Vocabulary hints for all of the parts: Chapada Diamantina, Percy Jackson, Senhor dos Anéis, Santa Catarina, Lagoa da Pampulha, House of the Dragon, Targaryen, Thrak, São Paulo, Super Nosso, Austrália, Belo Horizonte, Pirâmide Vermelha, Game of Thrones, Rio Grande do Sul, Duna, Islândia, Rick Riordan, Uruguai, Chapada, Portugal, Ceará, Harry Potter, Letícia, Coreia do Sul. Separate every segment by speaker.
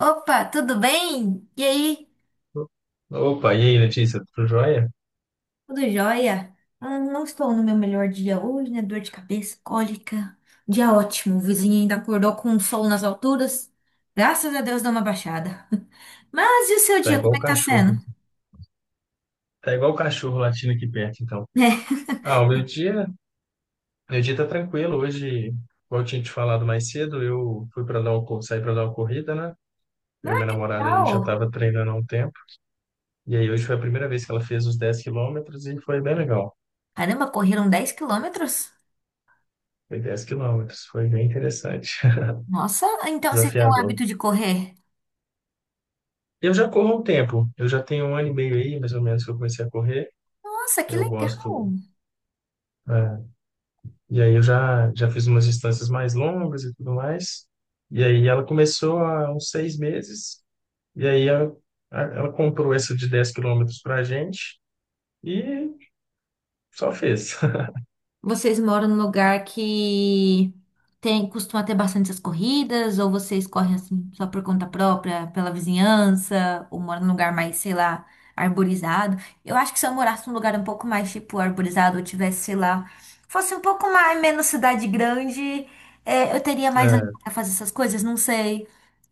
Speaker 1: Opa, tudo bem? E aí?
Speaker 2: Opa, e aí, Letícia, tudo jóia?
Speaker 1: Tudo jóia? Ah, não estou no meu melhor dia hoje, né? Dor de cabeça, cólica. Dia ótimo. O vizinho ainda acordou com o sol nas alturas. Graças a Deus deu uma baixada. Mas e o seu
Speaker 2: Tá
Speaker 1: dia, como
Speaker 2: igual
Speaker 1: é
Speaker 2: o
Speaker 1: que tá
Speaker 2: cachorro.
Speaker 1: sendo?
Speaker 2: Tá igual o cachorro latindo aqui perto, então.
Speaker 1: É.
Speaker 2: Ah, o meu dia, meu dia tá tranquilo. Hoje, como eu tinha te falado mais cedo, eu fui para dar um cor- saí para dar uma corrida, né? Eu e
Speaker 1: Ah,
Speaker 2: minha
Speaker 1: que
Speaker 2: namorada, a gente já
Speaker 1: legal!
Speaker 2: tava treinando há um tempo. E aí, hoje foi a primeira vez que ela fez os 10 km e foi bem legal.
Speaker 1: Caramba, correram 10 quilômetros?
Speaker 2: Foi 10 km, foi bem interessante,
Speaker 1: Nossa, então vocês têm o
Speaker 2: desafiador.
Speaker 1: hábito de correr?
Speaker 2: Eu já corro há um tempo. Eu já tenho um ano e meio aí, mais ou menos, que eu comecei a correr.
Speaker 1: Nossa, que
Speaker 2: Eu gosto.
Speaker 1: legal!
Speaker 2: é, E aí eu já fiz umas distâncias mais longas e tudo mais. E aí ela começou há uns seis meses. E aí ela, ela comprou essa de 10 km pra gente e só fez.
Speaker 1: Vocês moram num lugar que tem, costuma ter bastante as corridas, ou vocês correm assim só por conta própria, pela vizinhança, ou moram num lugar mais, sei lá, arborizado? Eu acho que se eu morasse num lugar um pouco mais tipo arborizado, ou tivesse, sei lá, fosse um pouco mais menos cidade grande, é, eu teria mais ânimo
Speaker 2: É,
Speaker 1: pra fazer essas coisas, não sei.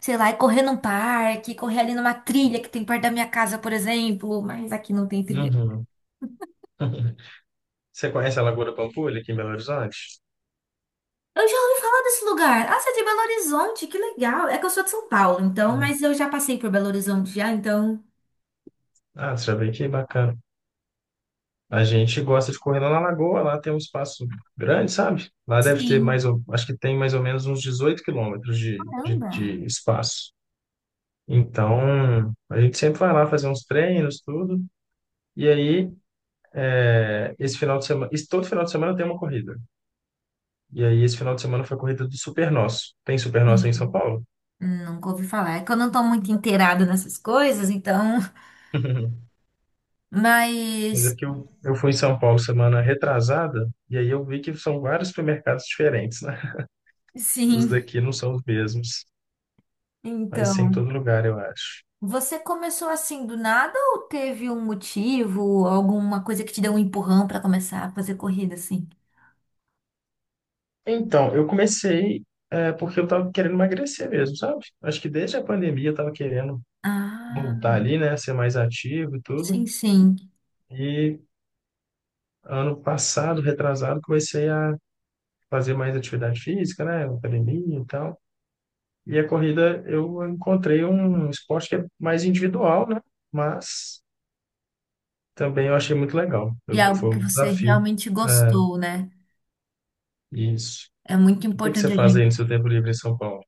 Speaker 1: Sei lá, e correr num parque, correr ali numa trilha que tem perto da minha casa, por exemplo, mas aqui não tem trilha.
Speaker 2: uhum. Você conhece a Lagoa da Pampulha aqui em Belo Horizonte?
Speaker 1: Eu já ouvi falar desse lugar. Ah, você é de Belo Horizonte, que legal. É que eu sou de São Paulo, então,
Speaker 2: Ah,
Speaker 1: mas eu já passei por Belo Horizonte já, então.
Speaker 2: ah, você já veio aqui? Bacana. A gente gosta de correr lá na Lagoa, lá tem um espaço grande, sabe? Lá deve ter mais,
Speaker 1: Sim.
Speaker 2: acho que tem mais ou menos uns 18 km de, de,
Speaker 1: Caramba!
Speaker 2: de espaço. Então, a gente sempre vai lá fazer uns treinos, tudo. E aí, esse final de semana, esse, todo final de semana tem uma corrida. E aí, esse final de semana foi a corrida do Super Nosso. Tem Super Nosso aí em São
Speaker 1: Sim.
Speaker 2: Paulo?
Speaker 1: Nunca ouvi falar. É que eu não tô muito inteirada nessas coisas, então.
Speaker 2: Mas é
Speaker 1: Mas.
Speaker 2: que eu fui em São Paulo semana retrasada, e aí eu vi que são vários supermercados diferentes, né? Os
Speaker 1: Sim.
Speaker 2: daqui não são os mesmos, mas tem em
Speaker 1: Então.
Speaker 2: todo lugar, eu acho.
Speaker 1: Você começou assim do nada ou teve um motivo, alguma coisa que te deu um empurrão pra começar a fazer corrida assim?
Speaker 2: Então, eu comecei porque eu tava querendo emagrecer mesmo, sabe? Acho que desde a pandemia eu tava querendo
Speaker 1: Ah,
Speaker 2: voltar ali, né? Ser mais ativo e tudo.
Speaker 1: sim, sim.
Speaker 2: E ano passado, retrasado, comecei a fazer mais atividade física, né? Academia e tal. E a corrida eu encontrei um esporte que é mais individual, né? Mas também eu achei muito legal.
Speaker 1: E algo
Speaker 2: Foi
Speaker 1: que
Speaker 2: um
Speaker 1: você
Speaker 2: desafio.
Speaker 1: realmente
Speaker 2: É,
Speaker 1: gostou, né?
Speaker 2: isso.
Speaker 1: É muito
Speaker 2: E o que que você
Speaker 1: importante a
Speaker 2: faz aí no
Speaker 1: gente.
Speaker 2: seu tempo livre em São Paulo?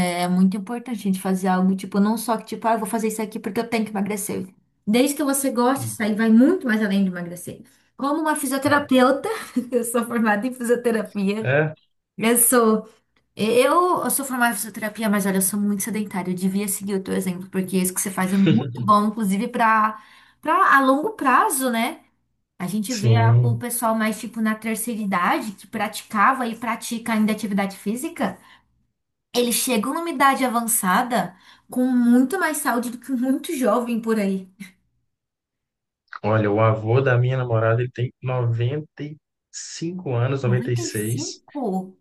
Speaker 1: É muito importante a gente fazer algo, tipo, não só que, tipo, ah, eu vou fazer isso aqui porque eu tenho que emagrecer. Desde que você goste,
Speaker 2: E-
Speaker 1: isso aí vai muito mais além de emagrecer. Como uma
Speaker 2: É,
Speaker 1: fisioterapeuta, eu sou formada em fisioterapia.
Speaker 2: é?
Speaker 1: Eu sou, eu sou formada em fisioterapia, mas olha, eu sou muito sedentária. Eu devia seguir o teu exemplo, porque isso que você faz é muito bom, inclusive para a longo prazo, né? A gente vê o
Speaker 2: Sim.
Speaker 1: pessoal mais, tipo, na terceira idade, que praticava e pratica ainda atividade física. Eles chegam numa idade avançada com muito mais saúde do que muito jovem por aí.
Speaker 2: Olha, o avô da minha namorada, ele tem 95 anos, noventa e
Speaker 1: Noventa e
Speaker 2: seis.
Speaker 1: cinco,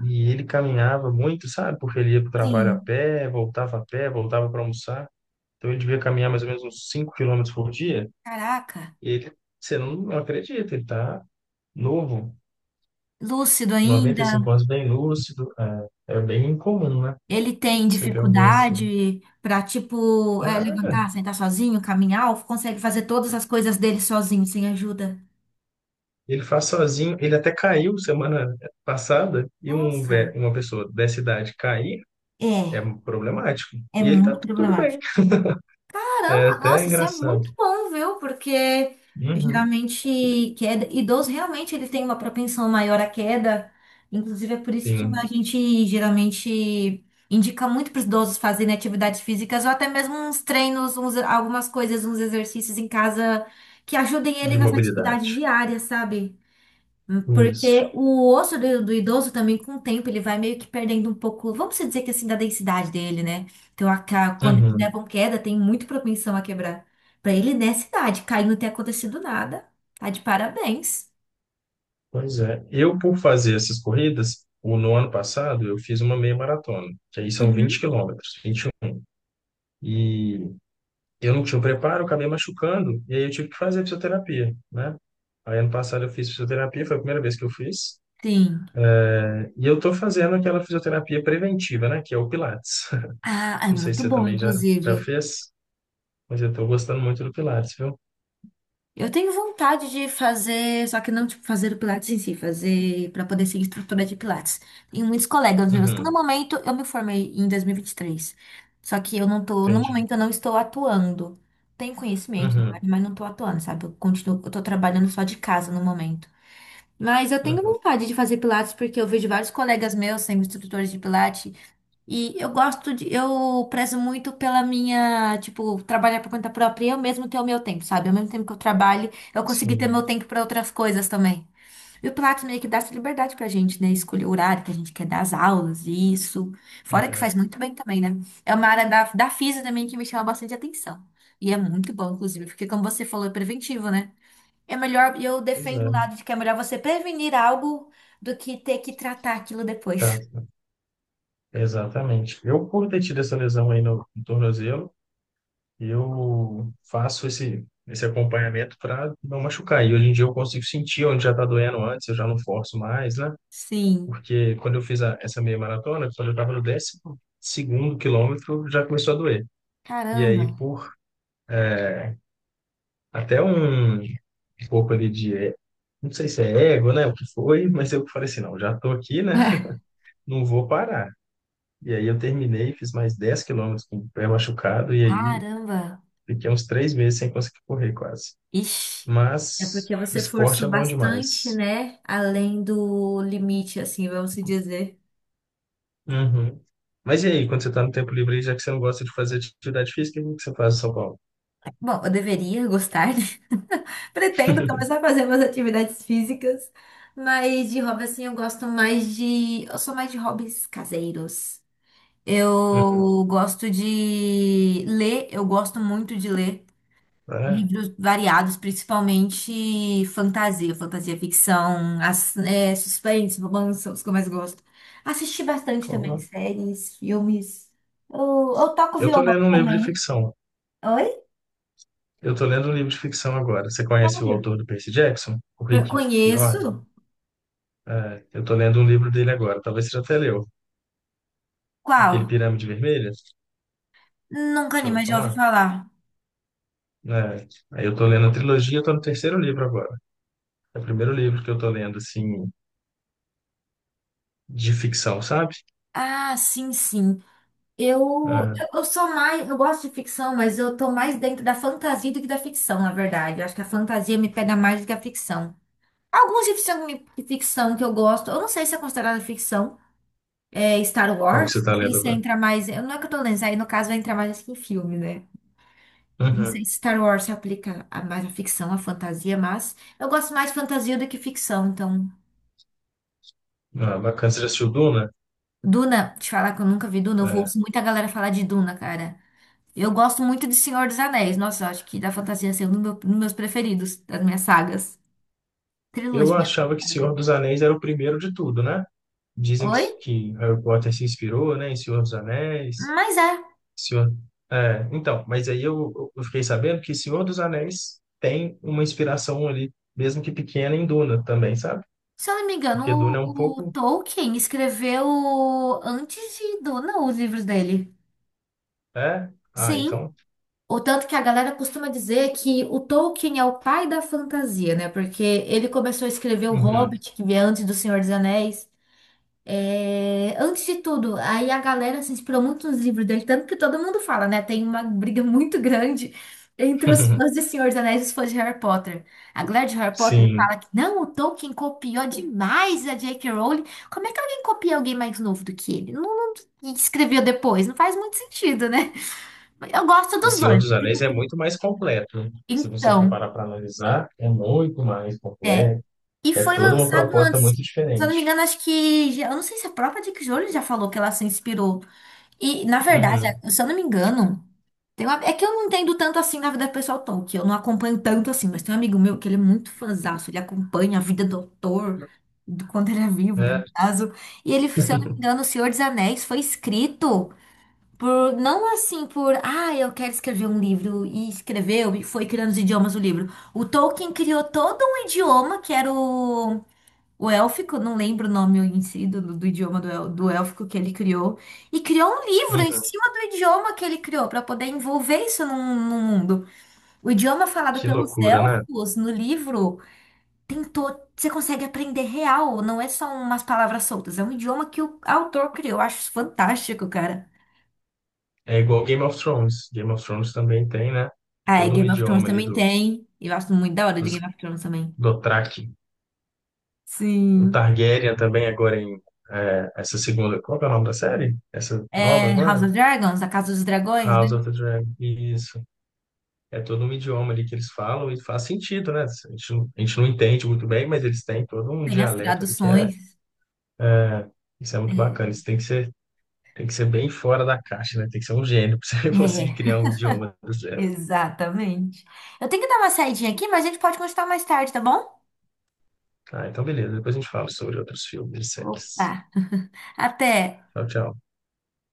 Speaker 2: E ele caminhava muito, sabe? Porque ele ia para o trabalho
Speaker 1: sim,
Speaker 2: a pé, voltava para almoçar. Então ele devia caminhar mais ou menos uns 5 km por dia.
Speaker 1: caraca.
Speaker 2: E ele, você não, não acredita, ele tá novo,
Speaker 1: Lúcido
Speaker 2: com 95
Speaker 1: ainda.
Speaker 2: anos, bem lúcido. É, é bem incomum, né?
Speaker 1: Ele tem
Speaker 2: Você vê alguém assim.
Speaker 1: dificuldade para, tipo, é,
Speaker 2: Nada.
Speaker 1: levantar, sentar sozinho, caminhar, ou consegue fazer todas as coisas dele sozinho, sem ajuda.
Speaker 2: Ele faz sozinho. Ele até caiu semana passada.
Speaker 1: Nossa.
Speaker 2: Uma pessoa dessa idade cair é
Speaker 1: É,
Speaker 2: problemático.
Speaker 1: é
Speaker 2: E ele tá
Speaker 1: muito
Speaker 2: tudo bem.
Speaker 1: problemático.
Speaker 2: É
Speaker 1: Caramba,
Speaker 2: até
Speaker 1: nossa, isso é
Speaker 2: engraçado.
Speaker 1: muito bom, viu? Porque
Speaker 2: Uhum.
Speaker 1: geralmente queda, idoso realmente ele tem uma propensão maior à queda. Inclusive é por isso que
Speaker 2: Sim,
Speaker 1: a gente geralmente indica muito para os idosos fazerem atividades físicas ou até mesmo uns treinos, uns, algumas coisas, uns exercícios em casa que ajudem ele
Speaker 2: de
Speaker 1: nas atividades
Speaker 2: mobilidade.
Speaker 1: diárias, sabe?
Speaker 2: Isso.
Speaker 1: Porque o osso do idoso também, com o tempo, ele vai meio que perdendo um pouco, vamos dizer que assim, da densidade dele, né? Então, quando eles
Speaker 2: Uhum.
Speaker 1: levam queda, tem muito propensão a quebrar. Pra ele, nessa idade, cair e não ter acontecido nada, tá de parabéns.
Speaker 2: Pois é. Por fazer essas corridas, no ano passado, eu fiz uma meia maratona, que aí são 20
Speaker 1: Uhum.
Speaker 2: quilômetros, 21. E um. E eu não tinha o preparo, eu acabei machucando, e aí eu tive que fazer fisioterapia, né? Aí ano passado eu fiz fisioterapia, foi a primeira vez que eu fiz.
Speaker 1: Sim.
Speaker 2: E eu tô fazendo aquela fisioterapia preventiva, né? Que é o Pilates.
Speaker 1: Ah, é
Speaker 2: Não sei se
Speaker 1: muito
Speaker 2: você
Speaker 1: bom,
Speaker 2: também já
Speaker 1: inclusive.
Speaker 2: fez, mas eu tô gostando muito do Pilates, viu?
Speaker 1: Eu tenho vontade de fazer, só que não, tipo, fazer o Pilates em si, fazer para poder ser instrutora de Pilates. Tenho muitos colegas meus que no
Speaker 2: Uhum,
Speaker 1: momento eu me formei em 2023. Só que eu não tô, no
Speaker 2: entendi.
Speaker 1: momento eu não estou atuando. Tenho conhecimento na
Speaker 2: Uhum,
Speaker 1: área, mas não tô atuando, sabe? Eu continuo, eu tô trabalhando só de casa no momento. Mas eu tenho
Speaker 2: uhum,
Speaker 1: vontade de fazer Pilates porque eu vejo vários colegas meus sendo instrutores de Pilates e eu gosto de, eu prezo muito pela minha, tipo, trabalhar por conta própria e eu mesmo ter o meu tempo, sabe? Ao mesmo tempo que eu trabalho, eu consegui ter meu
Speaker 2: sim.
Speaker 1: tempo para outras coisas também. E o Pilates meio que dá essa liberdade pra gente, né? Escolher o horário que a gente quer dar as aulas, e isso. Fora que faz
Speaker 2: É,
Speaker 1: muito bem também, né? É uma área da física também que me chama bastante atenção. E é muito bom, inclusive, porque como você falou, é preventivo, né? É melhor, e eu
Speaker 2: pois
Speaker 1: defendo o
Speaker 2: é,
Speaker 1: lado de que é melhor você prevenir algo do que ter que tratar aquilo depois.
Speaker 2: tá. Exatamente. Eu, por ter tido essa lesão aí no tornozelo, eu faço esse acompanhamento para não machucar. E hoje em dia eu consigo sentir onde já está doendo antes, eu já não forço mais, né?
Speaker 1: Sim.
Speaker 2: Porque quando eu fiz essa meia maratona, quando eu estava no décimo segundo quilômetro, já começou a doer. E aí,
Speaker 1: Caramba.
Speaker 2: por até um um pouco ali de, é, não sei se é ego, né? O que foi, mas eu falei assim, não, já estou aqui, né? Não vou parar. E aí eu terminei, fiz mais 10 km com o pé machucado, e aí
Speaker 1: Caramba!
Speaker 2: fiquei uns três meses sem conseguir correr quase.
Speaker 1: Ixi! É
Speaker 2: Mas
Speaker 1: porque você
Speaker 2: esporte é
Speaker 1: forçou
Speaker 2: bom
Speaker 1: bastante,
Speaker 2: demais.
Speaker 1: né? Além do limite, assim, vamos se dizer.
Speaker 2: Uhum. Mas e aí, quando você está no tempo livre, aí, já que você não gosta de fazer atividade física, o que você faz em São Paulo?
Speaker 1: Bom, eu deveria gostar, né? Pretendo começar a fazer minhas atividades físicas, mas de hobby, assim, eu gosto mais de. Eu sou mais de hobbies caseiros.
Speaker 2: Uhum.
Speaker 1: Eu gosto de ler, eu gosto muito de ler.
Speaker 2: É,
Speaker 1: Livros variados, principalmente fantasia, fantasia ficção, é, suspense, romance, são os que eu mais gosto. Assisti bastante também
Speaker 2: como?
Speaker 1: séries, filmes. Eu toco
Speaker 2: Eu tô
Speaker 1: violão
Speaker 2: lendo um livro de
Speaker 1: também.
Speaker 2: ficção.
Speaker 1: Oi?
Speaker 2: Eu tô lendo um livro de ficção agora. Você conhece o
Speaker 1: Sério?
Speaker 2: autor do Percy Jackson? O
Speaker 1: Eu
Speaker 2: Rick Riordan?
Speaker 1: conheço?
Speaker 2: É, eu tô lendo um livro dele agora. Talvez você já até leu. Aquele
Speaker 1: Qual?
Speaker 2: Pirâmide Vermelha?
Speaker 1: Nunca
Speaker 2: Já
Speaker 1: nem
Speaker 2: ouviu
Speaker 1: mais já ouvi
Speaker 2: falar?
Speaker 1: falar.
Speaker 2: É, aí eu tô lendo a trilogia, eu tô no terceiro livro agora. É o primeiro livro que eu tô lendo, assim, de ficção, sabe?
Speaker 1: Ah, sim, sim. Eu,
Speaker 2: Ah,
Speaker 1: eu sou mais. Eu gosto de ficção, mas eu tô mais dentro da fantasia do que da ficção, na verdade. Eu acho que a fantasia me pega mais do que a ficção. Alguns de ficção que eu gosto, eu não sei se é considerada ficção, é Star
Speaker 2: qual que
Speaker 1: Wars,
Speaker 2: você
Speaker 1: não
Speaker 2: tá
Speaker 1: sei
Speaker 2: lendo
Speaker 1: se
Speaker 2: agora?
Speaker 1: entra mais, não é que eu tô lendo, isso aí no caso vai entrar mais acho que em filme, né? Não sei
Speaker 2: Uhum.
Speaker 1: se Star Wars se aplica a mais à ficção, à fantasia, mas eu gosto mais de fantasia do que ficção, então...
Speaker 2: Ah, bacana, você já assistiu Duna?
Speaker 1: Duna, te falar que eu nunca vi Duna, eu
Speaker 2: É.
Speaker 1: ouço muita galera falar de Duna, cara. Eu gosto muito de Senhor dos Anéis, nossa, eu acho que da fantasia assim, é um do dos meus preferidos, das minhas sagas.
Speaker 2: Eu
Speaker 1: Trilogia, né,
Speaker 2: achava que
Speaker 1: no
Speaker 2: Senhor
Speaker 1: caso.
Speaker 2: dos Anéis era o primeiro de tudo, né? Dizem
Speaker 1: Oi?
Speaker 2: que Harry Potter se inspirou, né, em Senhor dos Anéis.
Speaker 1: Mas é.
Speaker 2: Senhor... É, então, mas aí eu fiquei sabendo que Senhor dos Anéis tem uma inspiração ali, mesmo que pequena, em Duna também, sabe?
Speaker 1: Se eu não me engano,
Speaker 2: Porque Duna é um
Speaker 1: o
Speaker 2: pouco.
Speaker 1: Tolkien escreveu antes de Duna os livros dele.
Speaker 2: É? Ah,
Speaker 1: Sim.
Speaker 2: então.
Speaker 1: O tanto que a galera costuma dizer que o Tolkien é o pai da fantasia, né? Porque ele começou a escrever O
Speaker 2: Uhum.
Speaker 1: Hobbit, que veio antes do Senhor dos Anéis. É, antes de tudo, aí a galera se inspirou muito nos livros dele, tanto que todo mundo fala, né? Tem uma briga muito grande entre os fãs de Senhor dos Anéis e os fãs de Harry Potter. A galera de Harry Potter
Speaker 2: Sim.
Speaker 1: fala que não, o Tolkien copiou demais a J.K. Rowling. Como é que alguém copia alguém mais novo do que ele? Não, não e escreveu depois, não faz muito sentido, né? Mas eu gosto
Speaker 2: E
Speaker 1: dos
Speaker 2: Senhor
Speaker 1: dois,
Speaker 2: dos
Speaker 1: não fico
Speaker 2: Anéis é muito mais completo, né? Se você for
Speaker 1: Então,
Speaker 2: parar para analisar, é muito mais
Speaker 1: é.
Speaker 2: completo.
Speaker 1: E
Speaker 2: É
Speaker 1: foi
Speaker 2: toda uma
Speaker 1: lançado
Speaker 2: proposta muito
Speaker 1: antes. Se eu não me
Speaker 2: diferente.
Speaker 1: engano, acho que eu não sei se a própria J.K. Rowling já falou que ela se inspirou. E, na verdade,
Speaker 2: Uhum.
Speaker 1: é, se eu não me engano, tem é que eu não entendo tanto assim na vida pessoal Tolkien, que eu não acompanho tanto assim, mas tem um amigo meu que ele é muito fãzaço, ele acompanha a vida do autor, do quando ele é vivo, né,
Speaker 2: É.
Speaker 1: no caso. E ele, se eu não me engano, O Senhor dos Anéis foi escrito por, não assim por, ah, eu quero escrever um livro, e escreveu, e foi criando os idiomas do livro. O Tolkien criou todo um idioma que era o élfico, não lembro o nome em si do, do idioma do, do élfico que ele criou, e criou um livro em
Speaker 2: Uhum.
Speaker 1: cima do idioma que ele criou, para poder envolver isso num mundo. O idioma falado
Speaker 2: Que
Speaker 1: pelos
Speaker 2: loucura, né?
Speaker 1: elfos no livro tentou, você consegue aprender real, não é só umas palavras soltas, é um idioma que o autor criou. Eu acho isso fantástico, cara.
Speaker 2: É igual Game of Thrones. Game of Thrones também tem, né?
Speaker 1: Ah, é,
Speaker 2: Todo um
Speaker 1: Game of Thrones
Speaker 2: idioma ali
Speaker 1: também tem. Eu acho muito da hora de
Speaker 2: dos,
Speaker 1: Game of Thrones também.
Speaker 2: do Thrak. O
Speaker 1: Sim.
Speaker 2: Targaryen também agora essa segunda. Qual que é o nome da série? Essa nova
Speaker 1: É House
Speaker 2: agora?
Speaker 1: of Dragons, A Casa dos Dragões, né?
Speaker 2: House of the Dragon. Isso. É todo um idioma ali que eles falam e faz sentido, né? A gente, a gente não entende muito bem, mas eles têm todo um
Speaker 1: Tem as
Speaker 2: dialeto ali que é,
Speaker 1: traduções.
Speaker 2: isso é muito
Speaker 1: É.
Speaker 2: bacana. Tem que ser bem fora da caixa, né? Tem que ser um gênio para você conseguir
Speaker 1: é.
Speaker 2: criar um idioma do zero.
Speaker 1: Exatamente. Eu tenho que dar uma saidinha aqui, mas a gente pode continuar mais tarde, tá bom?
Speaker 2: Ah, então beleza, depois a gente fala sobre outros filmes e
Speaker 1: Opa,
Speaker 2: séries.
Speaker 1: até!
Speaker 2: Tchau, tchau.